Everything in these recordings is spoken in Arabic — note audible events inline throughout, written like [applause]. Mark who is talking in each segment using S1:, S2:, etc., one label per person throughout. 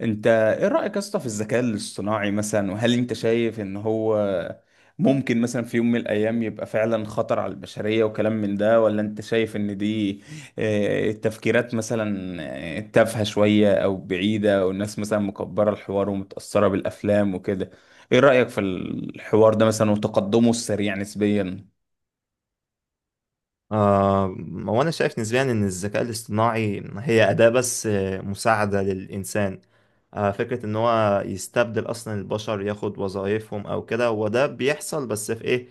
S1: انت ايه رأيك يا اسطى في الذكاء الاصطناعي مثلا؟ وهل انت شايف ان هو ممكن مثلا في يوم من الايام يبقى فعلا خطر على البشرية وكلام من ده، ولا انت شايف ان دي تفكيرات مثلا تافهة شوية او بعيدة، والناس مثلا مكبرة الحوار ومتأثرة بالافلام وكده؟ ايه رأيك في الحوار ده مثلا وتقدمه السريع نسبيا؟
S2: آه، وانا شايف نسبيا ان الذكاء الاصطناعي هي اداة بس مساعدة للانسان. فكرة ان هو يستبدل اصلا البشر ياخد وظائفهم او كده، وده بيحصل بس في ايه،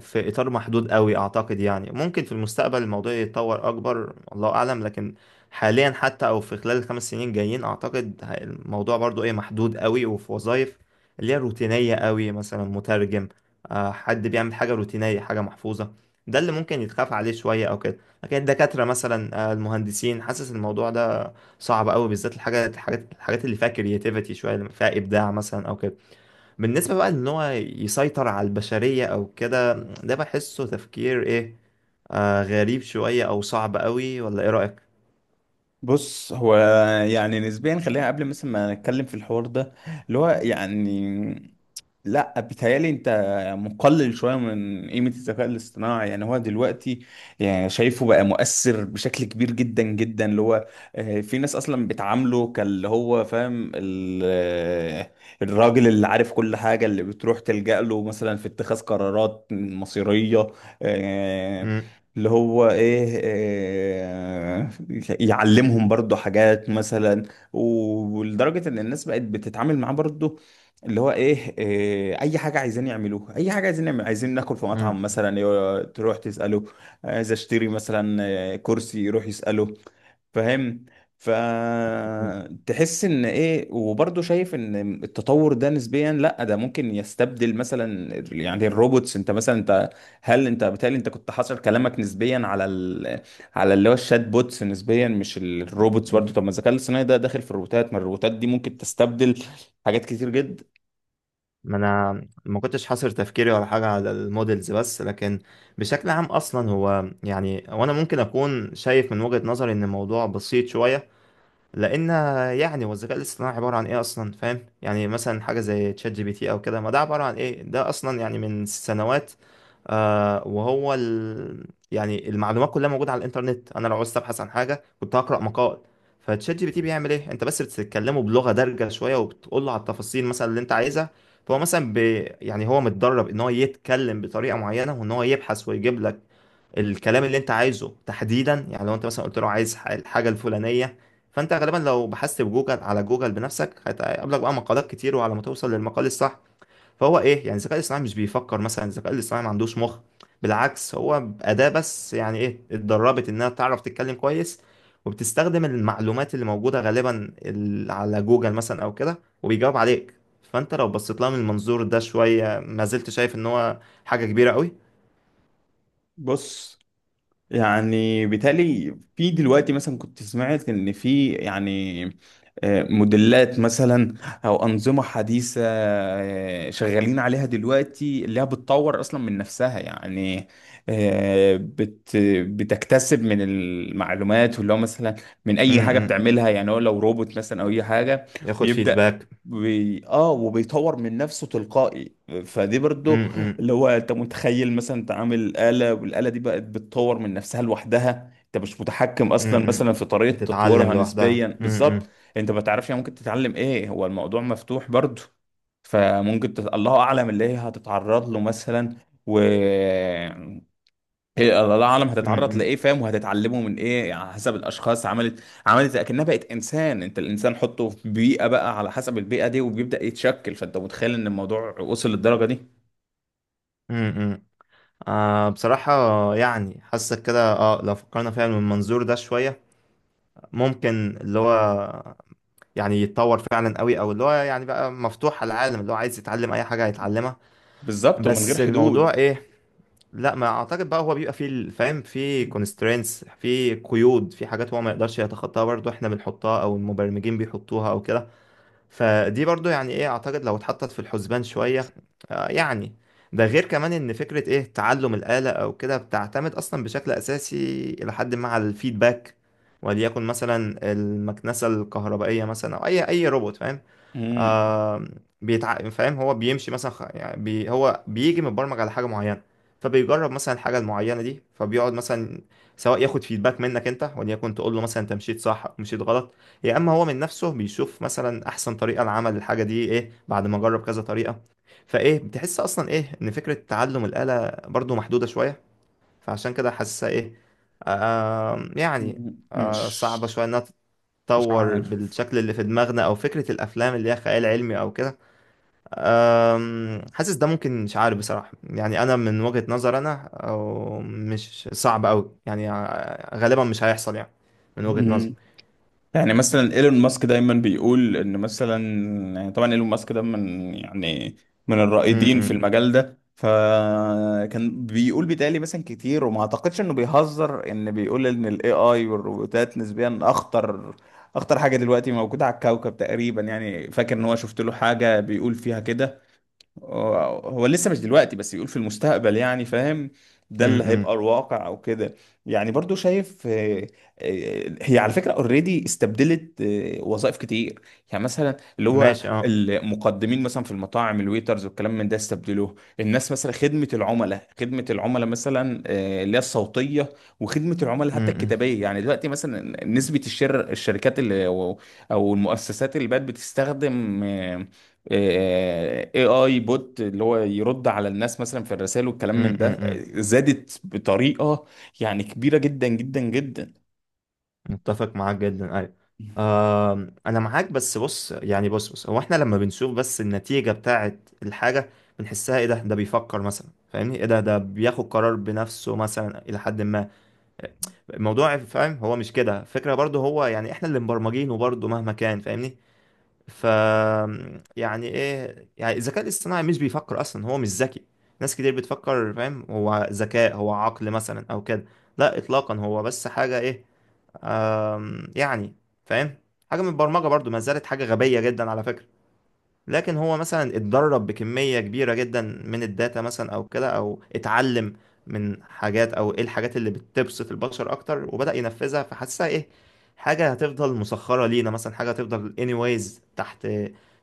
S2: في اطار محدود قوي اعتقد. يعني ممكن في المستقبل الموضوع يتطور اكبر، الله اعلم، لكن حاليا حتى او في خلال الخمس سنين جايين اعتقد الموضوع برضو ايه، محدود قوي، وفي وظائف اللي هي روتينية قوي، مثلا مترجم، حد بيعمل حاجة روتينية، حاجة محفوظة، ده اللي ممكن يتخاف عليه شوية أو كده. لكن الدكاترة مثلا المهندسين، حاسس الموضوع ده صعب أوي، بالذات الحاجات اللي فيها كرياتيفيتي شوية، اللي فيها إبداع مثلا أو كده. بالنسبة بقى إن هو يسيطر على البشرية أو كده، ده بحسه تفكير إيه، غريب شوية أو صعب أوي، ولا إيه رأيك؟
S1: بص، هو يعني نسبيا خلينا قبل مثلا ما نتكلم في الحوار ده اللي هو يعني، لا، بيتهيألي انت مقلل شوية من قيمة الذكاء الاصطناعي. يعني هو دلوقتي، يعني شايفه بقى مؤثر بشكل كبير جدا جدا، اللي هو في ناس اصلا بتعامله كاللي هو فاهم الراجل اللي عارف كل حاجة، اللي بتروح تلجأ له مثلا في اتخاذ قرارات مصيرية، آه،
S2: مم.
S1: اللي هو ايه، يعلمهم برضو حاجات مثلا. ولدرجة ان الناس بقت بتتعامل معاه برضو اللي هو ايه، اي حاجة عايزين يعملوها، اي حاجة عايزين يعمل، عايزين ناكل في مطعم مثلا تروح تسأله. عايز اشتري مثلا كرسي، يروح يسأله، فاهم؟ فتحس ان ايه، وبرضه شايف ان التطور ده نسبيا، لا ده ممكن يستبدل مثلا، يعني الروبوتس. انت مثلا انت، هل انت بالتالي انت كنت حاصر كلامك نسبيا على على اللي هو الشات بوتس نسبيا، مش الروبوتس برضه؟
S2: مم.
S1: طب ما الذكاء الاصطناعي ده داخل في الروبوتات، ما الروبوتات دي ممكن تستبدل حاجات كتير جدا.
S2: ما انا ما كنتش حاصر تفكيري ولا حاجه على المودلز بس، لكن بشكل عام اصلا هو يعني، وانا ممكن اكون شايف من وجهه نظري ان الموضوع بسيط شويه. لان يعني هو الذكاء الاصطناعي عباره عن ايه اصلا، فاهم؟ يعني مثلا حاجه زي تشات جي بي تي او كده، ما ده عباره عن ايه؟ ده اصلا يعني من سنوات، آه وهو ال... يعني المعلومات كلها موجوده على الانترنت. انا لو عاوز ابحث عن حاجه كنت هقرا مقال. فتشات جي بي تي بيعمل ايه؟ انت بس بتتكلمه بلغه دارجه شويه وبتقول له على التفاصيل مثلا اللي انت عايزها، فهو مثلا ب... يعني هو متدرب ان هو يتكلم بطريقه معينه، وان هو يبحث ويجيب لك الكلام اللي انت عايزه تحديدا. يعني لو انت مثلا قلت له عايز الحاجه الفلانيه، فانت غالبا لو بحثت بجوجل، على جوجل بنفسك، هيقابلك بقى مقالات كتير وعلى ما توصل للمقال الصح. فهو ايه، يعني الذكاء الاصطناعي مش بيفكر مثلا، الذكاء الاصطناعي ما عندوش مخ، بالعكس هو اداه بس، يعني ايه، اتدربت انها تعرف تتكلم كويس وبتستخدم المعلومات اللي موجوده غالبا على جوجل مثلا او كده، وبيجاوب عليك. فانت لو بصيت لها من المنظور ده شويه، ما زلت شايف ان هو حاجه كبيره قوي؟
S1: بص، يعني بالتالي في دلوقتي مثلا كنت سمعت ان في يعني موديلات مثلا او انظمه حديثه، شغالين عليها دلوقتي، اللي هي بتطور اصلا من نفسها. يعني آه، بت بتكتسب من المعلومات، واللي هو مثلا من
S2: م.
S1: اي حاجه
S2: م.
S1: بتعملها. يعني هو لو روبوت مثلا او اي حاجه،
S2: ياخد
S1: ويبدا
S2: فيدباك.
S1: بي... اه وبيطور من نفسه تلقائي. فدي برضو،
S2: امم.
S1: اللي هو، انت متخيل مثلا انت عامل آلة والآلة دي بقت بتطور من نفسها لوحدها، انت مش متحكم اصلا
S2: امم.
S1: مثلا في طريقة
S2: بتتعلم
S1: تطويرها نسبيا،
S2: لوحدها.
S1: بالظبط.
S2: امم.
S1: انت ما تعرفش هي ممكن تتعلم ايه، هو الموضوع مفتوح برضو. الله اعلم اللي هي هتتعرض له مثلا، و هي الله اعلم هتتعرض
S2: امم.
S1: لايه، فاهم؟ وهتتعلمه من ايه، على حسب الاشخاص. عملت عملت اكنها بقت انسان، انت الانسان حطه في بيئه بقى، على حسب البيئه دي وبيبدا يتشكل. فانت متخيل ان الموضوع وصل للدرجه دي؟
S2: امم. بصراحة، يعني حاسك كده، لو فكرنا فيها من المنظور ده شوية، ممكن اللي هو يعني يتطور فعلا قوي، او اللي هو يعني بقى مفتوح على العالم، اللي هو عايز يتعلم اي حاجة هيتعلمها.
S1: بالظبط، ومن غير
S2: بس
S1: حدود.
S2: الموضوع ايه، لا ما اعتقد. بقى هو بيبقى فيه فاهم، فيه constraints، فيه قيود، في حاجات هو ما يقدرش يتخطاها برضه، احنا بنحطها او المبرمجين بيحطوها او كده. فدي برضو يعني ايه، اعتقد لو اتحطت في الحسبان شوية، يعني. ده غير كمان ان فكرة ايه، تعلم الآلة او كده، بتعتمد اصلا بشكل اساسي الى حد ما على الفيدباك. وليكن مثلا المكنسة الكهربائية مثلا او اي روبوت فاهم،
S1: مم.
S2: آه فاهم، هو بيمشي مثلا يعني هو بيجي متبرمج على حاجه معينه، فبيجرب مثلا الحاجه المعينه دي، فبيقعد مثلا سواء ياخد فيدباك منك انت، وليكن تقول له مثلا انت مشيت صح او مشيت غلط، يا اما هو من نفسه بيشوف مثلا احسن طريقه لعمل الحاجه دي ايه بعد ما جرب كذا طريقه. فايه، بتحس اصلا ايه ان فكره تعلم الاله برضو محدوده شويه. فعشان كده حاسسها ايه، يعني،
S1: مم.
S2: صعبه
S1: مش
S2: شويه انها
S1: مش
S2: تتطور
S1: عارف.
S2: بالشكل اللي في دماغنا، او فكره الافلام اللي هي خيال علمي او كده. حاسس ده ممكن، مش عارف بصراحه، يعني انا من وجهه نظر انا أو مش صعب قوي، يعني غالبا مش هيحصل يعني، من وجهه نظر.
S1: مم. يعني مثلا ايلون ماسك دايما بيقول ان مثلا، يعني طبعا ايلون ماسك ده من، يعني، من
S2: م.
S1: الرائدين في
S2: م.
S1: المجال ده، فكان بيقول، بيتهيألي مثلا كتير وما اعتقدش انه بيهزر، ان بيقول ان الاي اي والروبوتات نسبيا اخطر، اخطر حاجه دلوقتي موجوده على الكوكب تقريبا. يعني فاكر ان هو، شفت له حاجه بيقول فيها كده. هو هو لسه، مش دلوقتي بس، بيقول في المستقبل، يعني فاهم؟
S2: م.
S1: ده اللي هيبقى
S2: م.
S1: الواقع او كده. يعني برضو شايف، هي على فكرة اوريدي استبدلت وظائف كتير، يعني مثلا اللي هو
S2: ماشي، اه.
S1: المقدمين مثلا في المطاعم، الويترز والكلام من ده، استبدلوه الناس مثلا. خدمة العملاء، خدمة العملاء مثلا اللي هي الصوتية، وخدمة العملاء
S2: م.
S1: حتى
S2: م.
S1: الكتابية، يعني دلوقتي مثلا نسبة الشركات اللي او المؤسسات اللي بقت بتستخدم اي اي بوت، اللي هو يرد على الناس مثلا في الرسائل
S2: م.
S1: والكلام من ده،
S2: م. م.
S1: زادت بطريقة يعني كبيرة جدا جدا جدا.
S2: متفق معاك جدا، ايوه. انا معاك بس بص، يعني بص بص، هو احنا لما بنشوف بس النتيجة بتاعت الحاجة بنحسها ايه، ده بيفكر مثلا فاهمني، ايه ده بياخد قرار بنفسه مثلا الى حد ما الموضوع، فاهم؟ هو مش كده فكرة برضه، هو يعني احنا اللي مبرمجينه برضه مهما كان فاهمني. ف يعني ايه، يعني الذكاء الاصطناعي مش بيفكر اصلا، هو مش ذكي. ناس كتير بتفكر فاهم هو ذكاء، هو عقل مثلا او كده، لا اطلاقا. هو بس حاجة ايه، يعني، فاهم، حاجة من البرمجة برضو، ما زالت حاجة غبية جدا على فكرة. لكن هو مثلا اتدرب بكمية كبيرة جدا من الداتا مثلا او كده، او اتعلم من حاجات، او ايه الحاجات اللي بتبسط البشر اكتر وبدأ ينفذها. فحسها ايه، حاجة هتفضل مسخرة لينا مثلا، حاجة هتفضل anyways تحت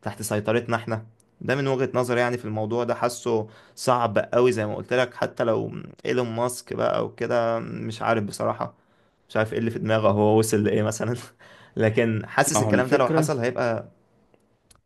S2: تحت سيطرتنا احنا. ده من وجهة نظري يعني في الموضوع ده. حاسه صعب قوي زي ما قلت لك، حتى لو ايلون ماسك بقى وكده، مش عارف بصراحة، مش عارف ايه اللي في دماغه، هو وصل لايه مثلا [laughs] لكن
S1: ما
S2: حاسس
S1: هو
S2: الكلام ده لو
S1: الفكرة،
S2: حصل هيبقى،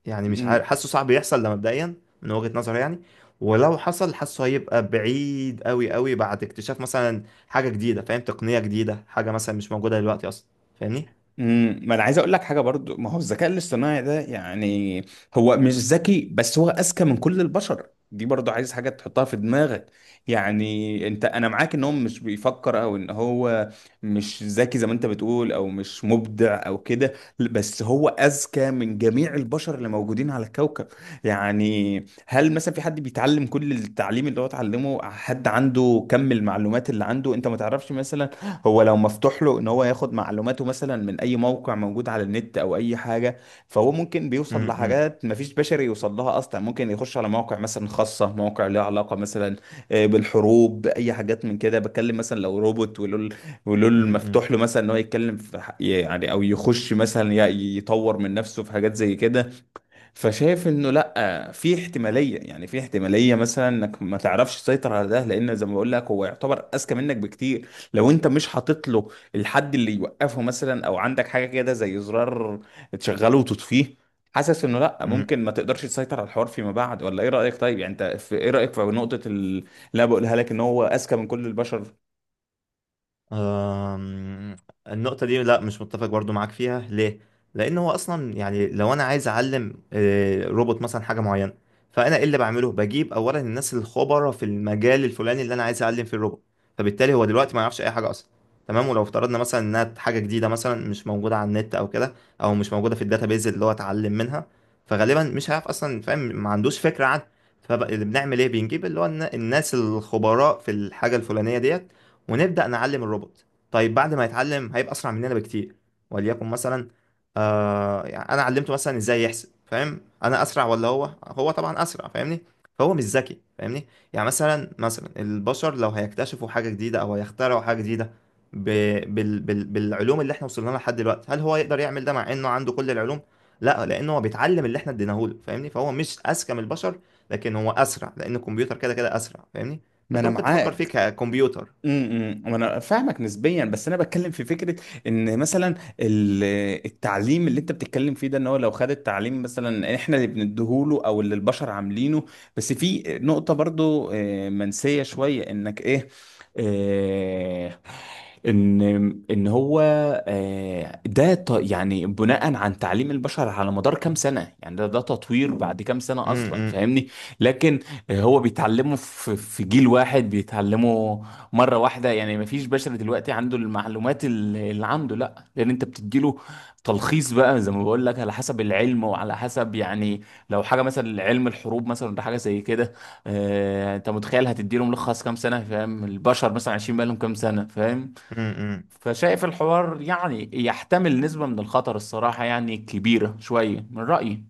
S2: يعني مش عارف، حاسه صعب يحصل ده مبدئيا من وجهة نظري يعني. ولو حصل حاسه هيبقى بعيد قوي قوي، بعد اكتشاف مثلا حاجة جديدة فاهم، تقنية جديدة، حاجة مثلا مش موجودة دلوقتي اصلا فاهمني.
S1: ما انا عايز اقول لك حاجه برضو، ما هو الذكاء الاصطناعي ده، يعني هو مش ذكي، بس هو اذكى من كل البشر دي، برضو عايز حاجه تحطها في دماغك. يعني انت، انا معاك ان هو مش بيفكر او ان هو مش ذكي زي ما انت بتقول او مش مبدع او كده، بس هو اذكى من جميع البشر اللي موجودين على الكوكب. يعني هل مثلا في حد بيتعلم كل التعليم اللي هو اتعلمه؟ حد عنده كم المعلومات اللي عنده؟ انت ما تعرفش مثلا، هو لو مفتوح له ان هو ياخد معلوماته مثلا من اي موقع موجود على النت او اي حاجه، فهو ممكن بيوصل لحاجات مفيش بشري يوصل لها اصلا. ممكن يخش على مواقع مثلا خاصه، مواقع ليها علاقه مثلا بالحروب، باي حاجات من كده. بتكلم مثلا لو روبوت ولول، ولول مفتوح له مثلا ان هو يتكلم في يعني، او يخش مثلا يطور من نفسه في حاجات زي كده. فشايف انه لا، في احتماليه، يعني في احتماليه مثلا انك ما تعرفش تسيطر على ده، لان زي ما بقول لك هو يعتبر اذكى منك بكتير، لو انت مش حاطط له الحد اللي يوقفه مثلا، او عندك حاجه كده زي زرار تشغله وتطفيه. حاسس انه لا،
S2: امم.
S1: ممكن ما تقدرش تسيطر على الحوار فيما بعد. ولا ايه رايك؟ طيب يعني، انت في ايه رايك في نقطه اللي انا بقولها لك، ان هو اذكى من كل البشر؟
S2: أم، النقطة دي لا، مش متفق برضو معاك فيها، ليه؟ لأن هو أصلا يعني، لو أنا عايز أعلم روبوت مثلا حاجة معينة، فأنا إيه اللي بعمله؟ بجيب أولا الناس الخبرة في المجال الفلاني اللي أنا عايز أعلم فيه الروبوت. فبالتالي هو دلوقتي ما يعرفش أي حاجة أصلا، تمام؟ ولو افترضنا مثلا إنها حاجة جديدة مثلا مش موجودة على النت أو كده، أو مش موجودة في الداتابيز اللي هو اتعلم منها، فغالبا مش هيعرف أصلا فاهم، ما عندوش فكرة عنها. فاللي بنعمل إيه؟ بنجيب اللي هو الناس الخبراء في الحاجة الفلانية ديت ونبدأ نعلم الروبوت. طيب بعد ما يتعلم هيبقى أسرع مننا بكتير. وليكن مثلا، يعني أنا علمته مثلا إزاي يحسب فاهم، أنا أسرع ولا هو؟ هو طبعا أسرع فاهمني. فهو مش ذكي فاهمني. يعني مثلا البشر لو هيكتشفوا حاجة جديدة أو هيخترعوا حاجة جديدة ب... بالعلوم اللي احنا وصلنا لها لحد دلوقتي، هل هو يقدر يعمل ده مع انه عنده كل العلوم؟ لا، لانه هو بيتعلم اللي احنا اديناهوله فاهمني، فهو مش اذكى من البشر، لكن هو اسرع لان الكمبيوتر كده كده اسرع فاهمني.
S1: ما
S2: فانت
S1: انا
S2: ممكن تفكر فيه
S1: معاك.
S2: ككمبيوتر.
S1: إمم. وانا فاهمك نسبيا، بس انا بتكلم في فكره ان مثلا ال- التعليم اللي انت بتتكلم فيه ده، ان هو لو خد التعليم مثلا احنا اللي بنديهوله او اللي البشر عاملينه. بس في نقطه برضو منسيه شويه، انك ايه، آه، ان ان هو ده يعني بناء عن تعليم البشر على مدار كام سنه، يعني ده تطوير بعد كام سنه
S2: امم.
S1: اصلا،
S2: امم.
S1: فاهمني؟ لكن هو بيتعلمه في جيل واحد، بيتعلمه مره واحده، يعني مفيش بشر دلوقتي عنده المعلومات اللي عنده، لا لان انت بتديله تلخيص بقى، زي ما بقول لك، على حسب العلم وعلى حسب، يعني لو حاجه مثلا علم الحروب مثلا ولا حاجه زي كده، انت متخيل هتديله ملخص كام سنه، فاهم؟ البشر مثلا عايشين بقالهم كام سنه، فاهم؟
S2: أمم. أمم.
S1: فشايف الحوار يعني يحتمل نسبه من الخطر، الصراحه يعني كبيره شويه من رايي.